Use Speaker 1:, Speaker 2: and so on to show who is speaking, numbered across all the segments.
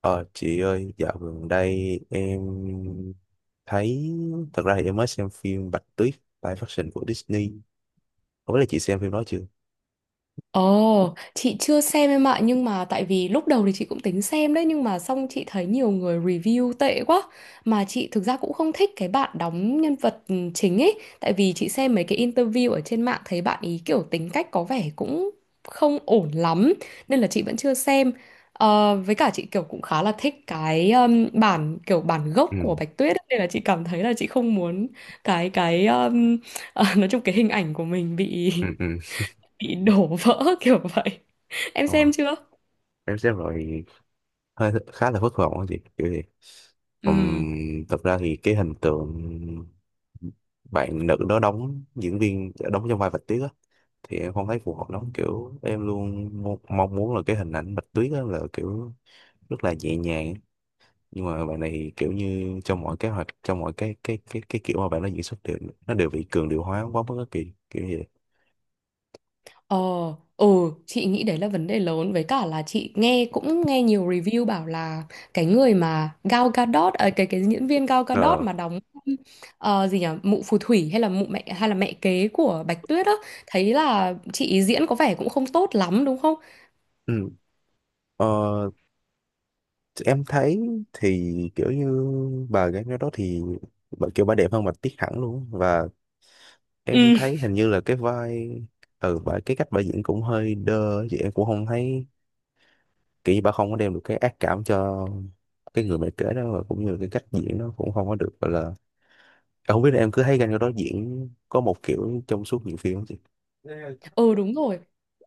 Speaker 1: Ờ chị ơi, dạo gần đây em thấy, thật ra thì em mới xem phim Bạch Tuyết live action của Disney, không biết là chị xem phim đó chưa?
Speaker 2: Ồ, chị chưa xem em ạ, nhưng mà tại vì lúc đầu thì chị cũng tính xem đấy, nhưng mà xong chị thấy nhiều người review tệ quá, mà chị thực ra cũng không thích cái bạn đóng nhân vật chính ấy, tại vì chị xem mấy cái interview ở trên mạng thấy bạn ý kiểu tính cách có vẻ cũng không ổn lắm, nên là chị vẫn chưa xem. Ờ, với cả chị kiểu cũng khá là thích cái bản kiểu bản gốc của
Speaker 1: ừ
Speaker 2: Bạch Tuyết ấy, nên là chị cảm thấy là chị không muốn cái nói chung cái hình ảnh của mình bị
Speaker 1: ừ ừ
Speaker 2: bị đổ vỡ kiểu vậy. Em
Speaker 1: ờ,
Speaker 2: xem chưa?
Speaker 1: em xem rồi, hơi khá là thất vọng á chị, kiểu gì
Speaker 2: Ừ.
Speaker 1: Thật ra thì cái hình tượng bạn nữ đó đóng, diễn viên đóng trong vai Bạch Tuyết thì em không thấy phù hợp lắm, kiểu em luôn mong muốn là cái hình ảnh Bạch Tuyết á là kiểu rất là nhẹ nhàng á. Nhưng mà bạn này thì kiểu như trong mọi kế hoạch, trong mọi cái kiểu mà bạn nó diễn xuất đều, nó đều bị cường điệu hóa quá mức á, kỳ kiểu như vậy.
Speaker 2: Ờ. Ừ. Chị nghĩ đấy là vấn đề lớn, với cả là chị nghe cũng nghe nhiều review bảo là cái người mà Gal Gadot à, cái diễn viên Gal Gadot
Speaker 1: Ờ,
Speaker 2: mà đóng gì nhỉ, mụ phù thủy hay là mụ mẹ hay là mẹ kế của Bạch Tuyết á, thấy là chị ý diễn có vẻ cũng không tốt lắm đúng không.
Speaker 1: ừ. ờ em thấy thì kiểu như bà gái đó thì bà kiểu bà đẹp hơn Bạch Tuyết hẳn luôn á. Và em
Speaker 2: Ừ.
Speaker 1: thấy hình như là cái vai, ừ, bà, cái cách bà diễn cũng hơi đơ á, chị, em cũng không thấy kiểu như bà không có đem được cái ác cảm cho cái người mẹ kế đó, và cũng như là cái cách diễn nó cũng không có được gọi là, em không biết là em cứ thấy Gal Gadot diễn có một kiểu trong suốt nhiều phim không chị?
Speaker 2: Ừ đúng rồi.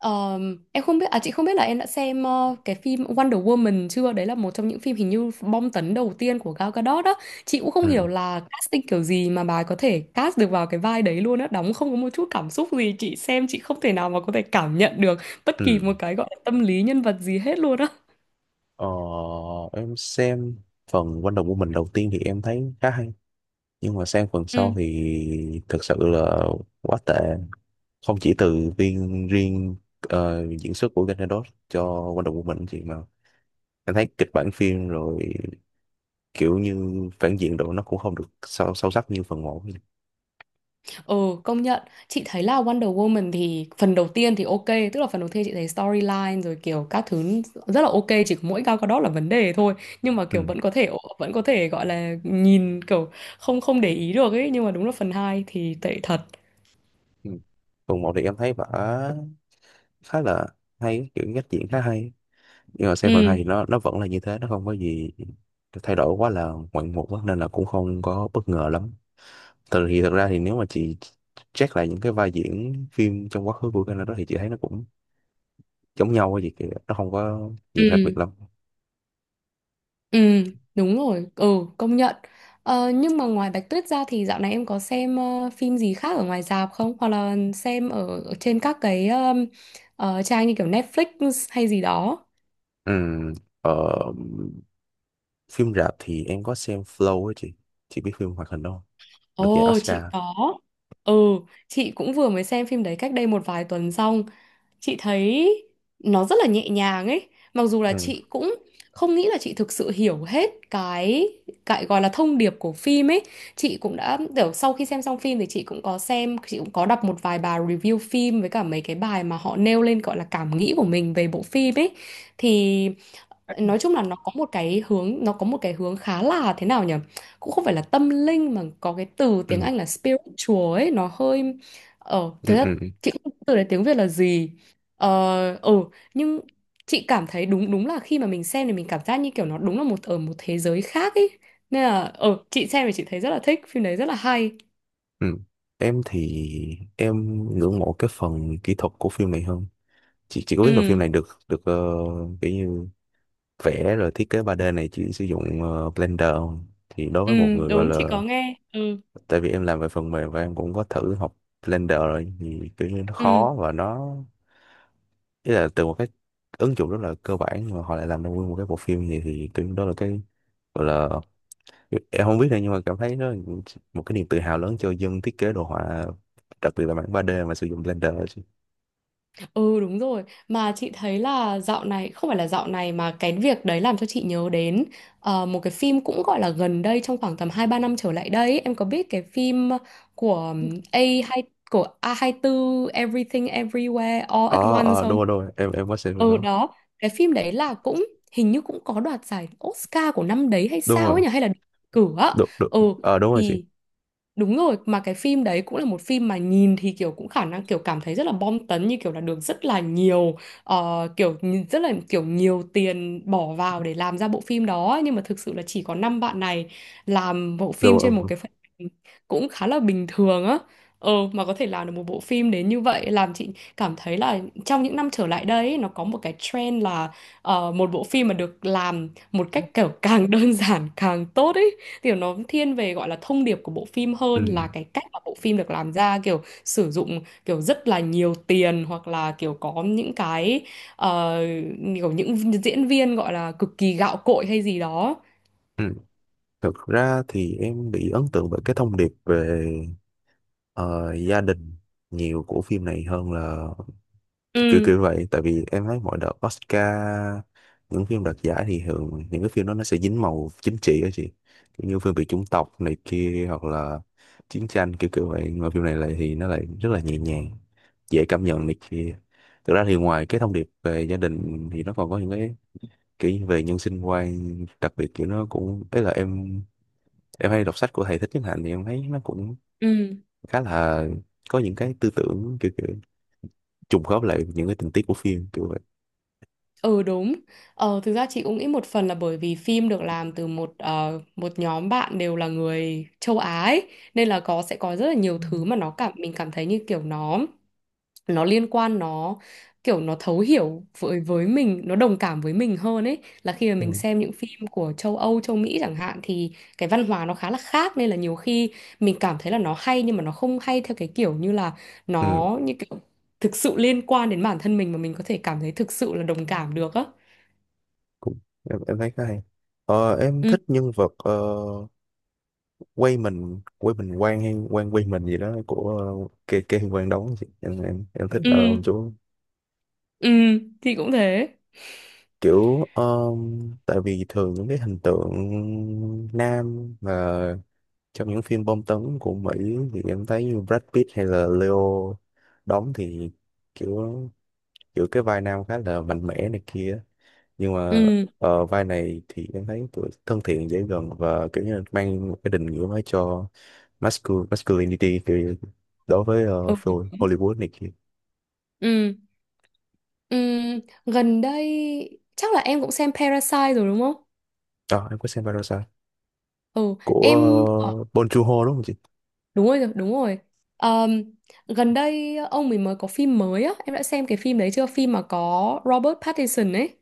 Speaker 2: Em không biết à Chị không biết là em đã xem cái phim Wonder Woman chưa? Đấy là một trong những phim hình như bom tấn đầu tiên của Gal Gadot đó. Chị cũng không
Speaker 1: ừ
Speaker 2: hiểu là casting kiểu gì mà bà ấy có thể cast được vào cái vai đấy luôn á, đóng không có một chút cảm xúc gì, chị xem chị không thể nào mà có thể cảm nhận được bất kỳ
Speaker 1: ừ
Speaker 2: một cái gọi là tâm lý nhân vật gì hết luôn á.
Speaker 1: ờ, em xem phần Wonder Woman đầu tiên thì em thấy khá hay, nhưng mà sang phần
Speaker 2: Ừ.
Speaker 1: sau thì thực sự là quá tệ, không chỉ từ viên riêng diễn xuất của Gal Gadot cho Wonder Woman chị, mà em thấy kịch bản phim rồi kiểu như phản diện độ nó cũng không được sâu sâu sắc như phần 1.
Speaker 2: Ừ, công nhận. Chị thấy là Wonder Woman thì phần đầu tiên thì ok, tức là phần đầu tiên chị thấy storyline rồi kiểu các thứ rất là ok, chỉ có mỗi Gal Gadot là vấn đề thôi. Nhưng mà kiểu
Speaker 1: Ừ.
Speaker 2: vẫn có thể gọi là nhìn kiểu không không để ý được ấy, nhưng mà đúng là phần hai thì tệ thật.
Speaker 1: Ừ. Phần một thì em thấy vở khá là hay, kiểu cách diễn khá hay, nhưng mà xem phần hai
Speaker 2: Ừ,
Speaker 1: thì nó vẫn là như thế, nó không có gì thay đổi quá là ngoạn mục á, nên là cũng không có bất ngờ lắm. Từ thì thật ra thì nếu mà chị check lại những cái vai diễn phim trong quá khứ của Canada đó thì chị thấy nó cũng giống nhau á, gì kìa, nó không có nhiều khác
Speaker 2: ừ,
Speaker 1: biệt lắm.
Speaker 2: ừ, đúng rồi. Ừ, công nhận. Ờ, nhưng mà ngoài Bạch Tuyết ra thì dạo này em có xem phim gì khác ở ngoài rạp không? Hoặc là xem ở trên các cái trang như kiểu Netflix hay gì đó.
Speaker 1: Ừm, ờ, Phim rạp thì em có xem Flow á chị biết phim hoạt hình đó không, được giải
Speaker 2: Ồ,
Speaker 1: Oscar?
Speaker 2: chị có. Ừ, chị cũng vừa mới xem phim đấy cách đây một vài tuần xong. Chị thấy nó rất là nhẹ nhàng ấy. Mặc dù là
Speaker 1: ừ
Speaker 2: chị cũng không nghĩ là chị thực sự hiểu hết cái gọi là thông điệp của phim ấy. Chị cũng đã kiểu sau khi xem xong phim thì chị cũng có đọc một vài bài review phim với cả mấy cái bài mà họ nêu lên gọi là cảm nghĩ của mình về bộ phim ấy. Thì nói chung là nó có một cái hướng khá là thế nào nhỉ, cũng không phải là tâm linh mà có cái từ
Speaker 1: ừ
Speaker 2: tiếng Anh là spiritual ấy, nó hơi thế
Speaker 1: ừ
Speaker 2: là
Speaker 1: ừ
Speaker 2: chị cũng không biết từ đấy tiếng Việt là gì. ờ ừ nhưng chị cảm thấy đúng đúng là khi mà mình xem thì mình cảm giác như kiểu nó đúng là một thế giới khác ấy, nên là chị xem thì chị thấy rất là thích phim đấy, rất là hay.
Speaker 1: Ừ. Em thì em ngưỡng mộ cái phần kỹ thuật của phim này hơn. Chị có biết là phim
Speaker 2: Ừ.
Speaker 1: này được được kiểu như vẽ rồi thiết kế ba d này chỉ sử dụng Blender không? Thì đối
Speaker 2: Ừ,
Speaker 1: với một người gọi
Speaker 2: đúng, chị
Speaker 1: là,
Speaker 2: có nghe. Ừ.
Speaker 1: tại vì em làm về phần mềm và em cũng có thử học Blender rồi thì kiểu như nó
Speaker 2: Ừ.
Speaker 1: khó, và nó, ý là từ một cái ứng dụng rất là cơ bản mà họ lại làm ra nguyên một cái bộ phim như vậy thì kiểu như đó là cái gọi là, em không biết đâu nhưng mà cảm thấy nó một cái niềm tự hào lớn cho dân thiết kế đồ họa, đặc biệt là bản ba d mà sử dụng Blender đó chị.
Speaker 2: Ừ đúng rồi. Mà chị thấy là dạo này, không phải là dạo này mà cái việc đấy làm cho chị nhớ đến một cái phim cũng gọi là gần đây, trong khoảng tầm 2 3 năm trở lại đây ấy. Em có biết cái phim của A hai của A24 hai tư Everything Everywhere All at Once
Speaker 1: Ờ Đúng
Speaker 2: không?
Speaker 1: rồi, đúng rồi, em có xem
Speaker 2: Ừ
Speaker 1: nó.
Speaker 2: đó. Cái phim đấy là cũng hình như cũng có đoạt giải Oscar của năm đấy hay
Speaker 1: Đúng
Speaker 2: sao
Speaker 1: rồi,
Speaker 2: ấy nhỉ? Hay là đề cử á?
Speaker 1: đúng đúng,
Speaker 2: Ừ
Speaker 1: đúng rồi chị.
Speaker 2: thì đúng rồi, mà cái phim đấy cũng là một phim mà nhìn thì kiểu cũng khả năng kiểu cảm thấy rất là bom tấn, như kiểu là được rất là nhiều rất là kiểu nhiều tiền bỏ vào để làm ra bộ phim đó ấy, nhưng mà thực sự là chỉ có năm bạn này làm bộ
Speaker 1: Đúng
Speaker 2: phim trên một
Speaker 1: rồi.
Speaker 2: cái phần cũng khá là bình thường á. Ờ, mà có thể làm được một bộ phim đến như vậy làm chị cảm thấy là trong những năm trở lại đây ấy, nó có một cái trend là một bộ phim mà được làm một cách kiểu càng đơn giản càng tốt ý, kiểu nó thiên về gọi là thông điệp của bộ phim hơn
Speaker 1: ừ
Speaker 2: là cái cách mà bộ phim được làm ra kiểu sử dụng kiểu rất là nhiều tiền, hoặc là kiểu có những cái ờ, kiểu những diễn viên gọi là cực kỳ gạo cội hay gì đó.
Speaker 1: ừ Thực ra thì em bị ấn tượng bởi cái thông điệp về ờ, gia đình nhiều của phim này hơn là kiểu kiểu
Speaker 2: Ừ.
Speaker 1: kiểu vậy, tại vì em thấy mọi đợt Oscar những phim đoạt giải thì thường những cái phim đó nó sẽ dính màu chính trị á chị, kiểu như phim về chủng tộc này kia hoặc là chiến tranh kiểu kiểu vậy, mà phim này lại thì nó lại rất là nhẹ nhàng, dễ cảm nhận này kia. Thực ra thì ngoài cái thông điệp về gia đình thì nó còn có những cái kiểu về nhân sinh quan, đặc biệt kiểu nó cũng ấy là em hay đọc sách của thầy Thích Nhất Hạnh thì em thấy nó cũng
Speaker 2: Ừ.
Speaker 1: khá là có những cái tư tưởng kiểu kiểu trùng khớp lại những cái tình tiết của phim kiểu
Speaker 2: Ừ, đúng. Thực ra chị cũng nghĩ một phần là bởi vì phim được làm từ một nhóm bạn đều là người châu Á ấy, nên là sẽ có rất là nhiều thứ mà nó cảm mình cảm thấy như kiểu nó liên quan, nó kiểu nó thấu hiểu với mình, nó đồng cảm với mình hơn ấy, là khi mà mình
Speaker 1: vậy.
Speaker 2: xem những phim của châu Âu châu Mỹ chẳng hạn thì cái văn hóa nó khá là khác, nên là nhiều khi mình cảm thấy là nó hay nhưng mà nó không hay theo cái kiểu như là
Speaker 1: Ừ,
Speaker 2: nó như kiểu thực sự liên quan đến bản thân mình mà mình có thể cảm thấy thực sự là đồng cảm được á.
Speaker 1: cũng, em thấy khá hay. Ờ, em
Speaker 2: Ừ.
Speaker 1: thích nhân vật quay mình quan hay quan quay mình gì đó của kê kê quan đóng chị. Em thích
Speaker 2: Ừ.
Speaker 1: ông chú
Speaker 2: Ừ, thì cũng thế.
Speaker 1: kiểu tại vì thường những cái hình tượng nam mà trong những phim bom tấn của Mỹ thì em thấy như Brad Pitt hay là Leo đóng thì kiểu, cái vai nam khá là mạnh mẽ này kia, nhưng mà
Speaker 2: Ừ.
Speaker 1: vai này thì em thấy tuổi thân thiện, dễ gần và kiểu như là mang một cái định nghĩa mới cho masculinity thì đối với
Speaker 2: Ừ.
Speaker 1: phim Hollywood này kia.
Speaker 2: Ừ. Ừ, gần đây chắc là em cũng xem Parasite rồi đúng không?
Speaker 1: Đó em có xem Parasite
Speaker 2: Ừ,
Speaker 1: của
Speaker 2: em.
Speaker 1: Bong Joon-ho đúng không chị?
Speaker 2: Đúng rồi, đúng rồi. Ờm, Gần đây ông mình mới có phim mới á, em đã xem cái phim đấy chưa? Phim mà có Robert Pattinson ấy.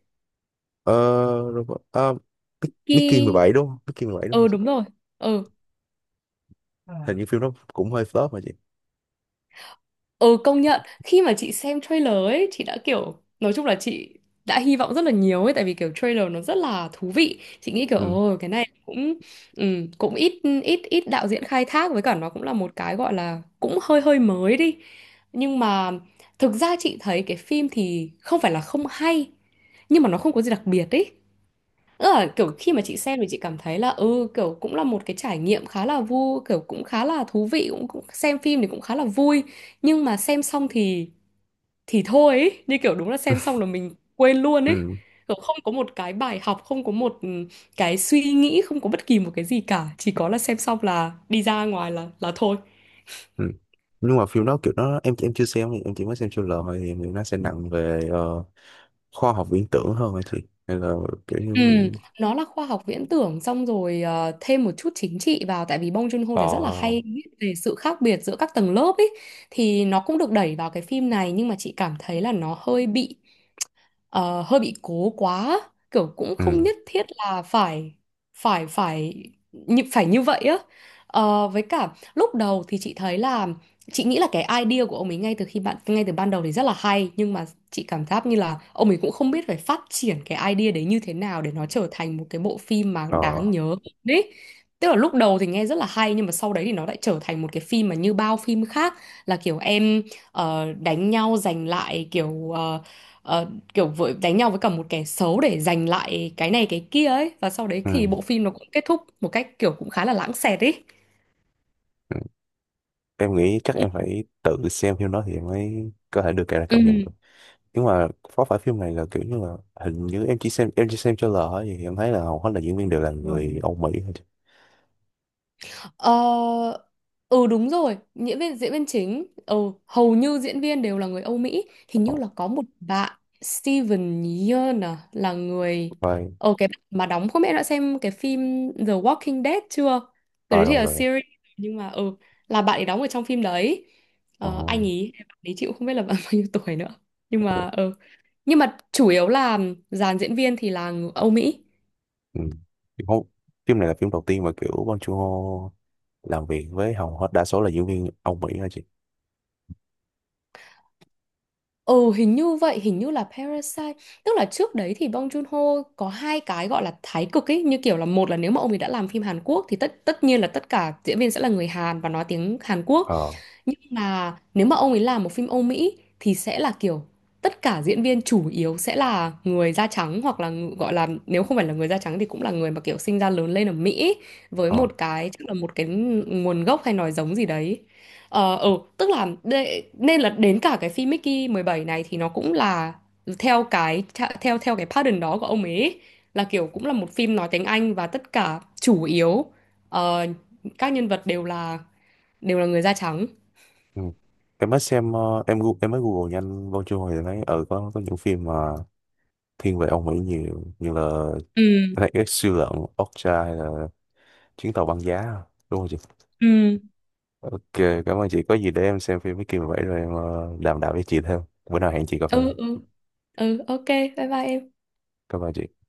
Speaker 1: Ờ, rồi, ờ, Mickey
Speaker 2: Khi
Speaker 1: 17 đúng không, Mickey 17 đúng không
Speaker 2: Ừ
Speaker 1: chị?
Speaker 2: đúng rồi. Ừ.
Speaker 1: Hình À. như phim đó cũng hơi flop mà chị.
Speaker 2: Ừ, công nhận, khi mà chị xem trailer ấy chị đã kiểu nói chung là chị đã hy vọng rất là nhiều ấy, tại vì kiểu trailer nó rất là thú vị, chị nghĩ kiểu
Speaker 1: ừ
Speaker 2: ồ cái này cũng ừ, cũng ít ít ít đạo diễn khai thác, với cả nó cũng là một cái gọi là cũng hơi hơi mới đi. Nhưng mà thực ra chị thấy cái phim thì không phải là không hay, nhưng mà nó không có gì đặc biệt ấy. Tức là kiểu khi mà chị xem thì chị cảm thấy là kiểu cũng là một cái trải nghiệm khá là vui, kiểu cũng khá là thú vị, cũng xem phim thì cũng khá là vui, nhưng mà xem xong thì thôi ấy. Như kiểu đúng là xem xong là mình quên luôn ấy,
Speaker 1: ừ
Speaker 2: kiểu không có một cái bài học, không có một cái suy nghĩ, không có bất kỳ một cái gì cả, chỉ có là xem xong là đi ra ngoài là thôi.
Speaker 1: ừ nhưng mà phim đó kiểu nó, em chưa xem, em chỉ mới xem trailer thôi, thì em nghĩ nó sẽ nặng về khoa học viễn tưởng hơn hả chị, hay là kiểu như.
Speaker 2: Ừ, nó là khoa học viễn tưởng xong rồi thêm một chút chính trị vào, tại vì Bong Joon-ho
Speaker 1: ờ
Speaker 2: thì rất là hay viết về sự khác biệt giữa các tầng lớp ấy, thì nó cũng được đẩy vào cái phim này, nhưng mà chị cảm thấy là nó hơi bị ờ, hơi bị cố quá, kiểu cũng không
Speaker 1: ừ
Speaker 2: nhất thiết là phải phải phải như vậy á. Ờ, với cả lúc đầu thì chị thấy là chị nghĩ là cái idea của ông ấy ngay từ ban đầu thì rất là hay, nhưng mà chị cảm giác như là ông ấy cũng không biết phải phát triển cái idea đấy như thế nào để nó trở thành một cái bộ phim mà
Speaker 1: ờ
Speaker 2: đáng nhớ đấy, tức là lúc đầu thì nghe rất là hay nhưng mà sau đấy thì nó lại trở thành một cái phim mà như bao phim khác, là kiểu em đánh nhau giành lại kiểu ờ, kiểu vội đánh nhau với cả một kẻ xấu để giành lại cái này cái kia ấy, và sau đấy thì
Speaker 1: ừ.
Speaker 2: bộ phim nó cũng kết thúc một cách kiểu cũng khá là lãng xẹt ấy.
Speaker 1: Ừ. Em nghĩ chắc em phải tự xem phim đó thì em mới có thể được cái là cảm nhận
Speaker 2: Ừ.
Speaker 1: được. Nhưng mà có phải phim này là kiểu như là, hình như em chỉ xem trailer thôi, thì em thấy là hầu hết là diễn viên đều là người Âu Mỹ thôi chứ.
Speaker 2: Ờ, ừ đúng rồi, diễn viên chính, hầu như diễn viên đều là người Âu Mỹ, hình
Speaker 1: ờ
Speaker 2: như là có một bạn Steven Yeun à, là người
Speaker 1: Vai,
Speaker 2: ờ cái bạn mà đóng, không biết đã xem cái phim The Walking Dead chưa? Cái
Speaker 1: ờ
Speaker 2: đấy thì
Speaker 1: rồi,
Speaker 2: là
Speaker 1: rồi,
Speaker 2: series nhưng mà là bạn ấy đóng ở trong phim đấy.
Speaker 1: ờ
Speaker 2: Ờ, anh ấy bạn ấy chịu không biết là bạn bao nhiêu tuổi nữa. Nhưng mà
Speaker 1: ok.
Speaker 2: ừ, nhưng mà chủ yếu là dàn diễn viên thì là người Âu Mỹ.
Speaker 1: Ừ. Thì không, phim này là phim đầu tiên mà kiểu Bong Joon-ho làm việc với hầu hết đa số là diễn viên Âu Mỹ hả chị?
Speaker 2: Ừ hình như vậy, hình như là Parasite. Tức là trước đấy thì Bong Joon-ho có hai cái gọi là thái cực ấy, như kiểu là một là nếu mà ông ấy đã làm phim Hàn Quốc thì tất tất nhiên là tất cả diễn viên sẽ là người Hàn và nói tiếng Hàn Quốc,
Speaker 1: ờ
Speaker 2: nhưng mà nếu mà ông ấy làm một phim Âu Mỹ thì sẽ là kiểu tất cả diễn viên chủ yếu sẽ là người da trắng, hoặc là gọi là nếu không phải là người da trắng thì cũng là người mà kiểu sinh ra lớn lên ở Mỹ với
Speaker 1: ờ
Speaker 2: một cái chắc là một cái nguồn gốc hay nói giống gì đấy. Ờ, ừ, tức là nên là đến cả cái phim Mickey 17 này thì nó cũng là theo cái theo theo cái pattern đó của ông ấy, là kiểu cũng là một phim nói tiếng Anh và tất cả chủ yếu ờ, các nhân vật đều là người da trắng.
Speaker 1: ừ. Em mới xem em mới Google nhanh Bong Joon-ho thì thấy ừ có những phim mà thiên về ông Mỹ nhiều như là
Speaker 2: Ừ.
Speaker 1: Black X siêu lợn, Okja hay là chuyến tàu băng giá, đúng không chị?
Speaker 2: Ừ.
Speaker 1: Ok, cảm ơn chị, có gì để em xem phim với kia vậy rồi em đàm đạo với chị thêm, bữa nào hẹn chị cà phê.
Speaker 2: Ừ. Ừ. Ừ, ok, bye bye em.
Speaker 1: Cảm ơn chị.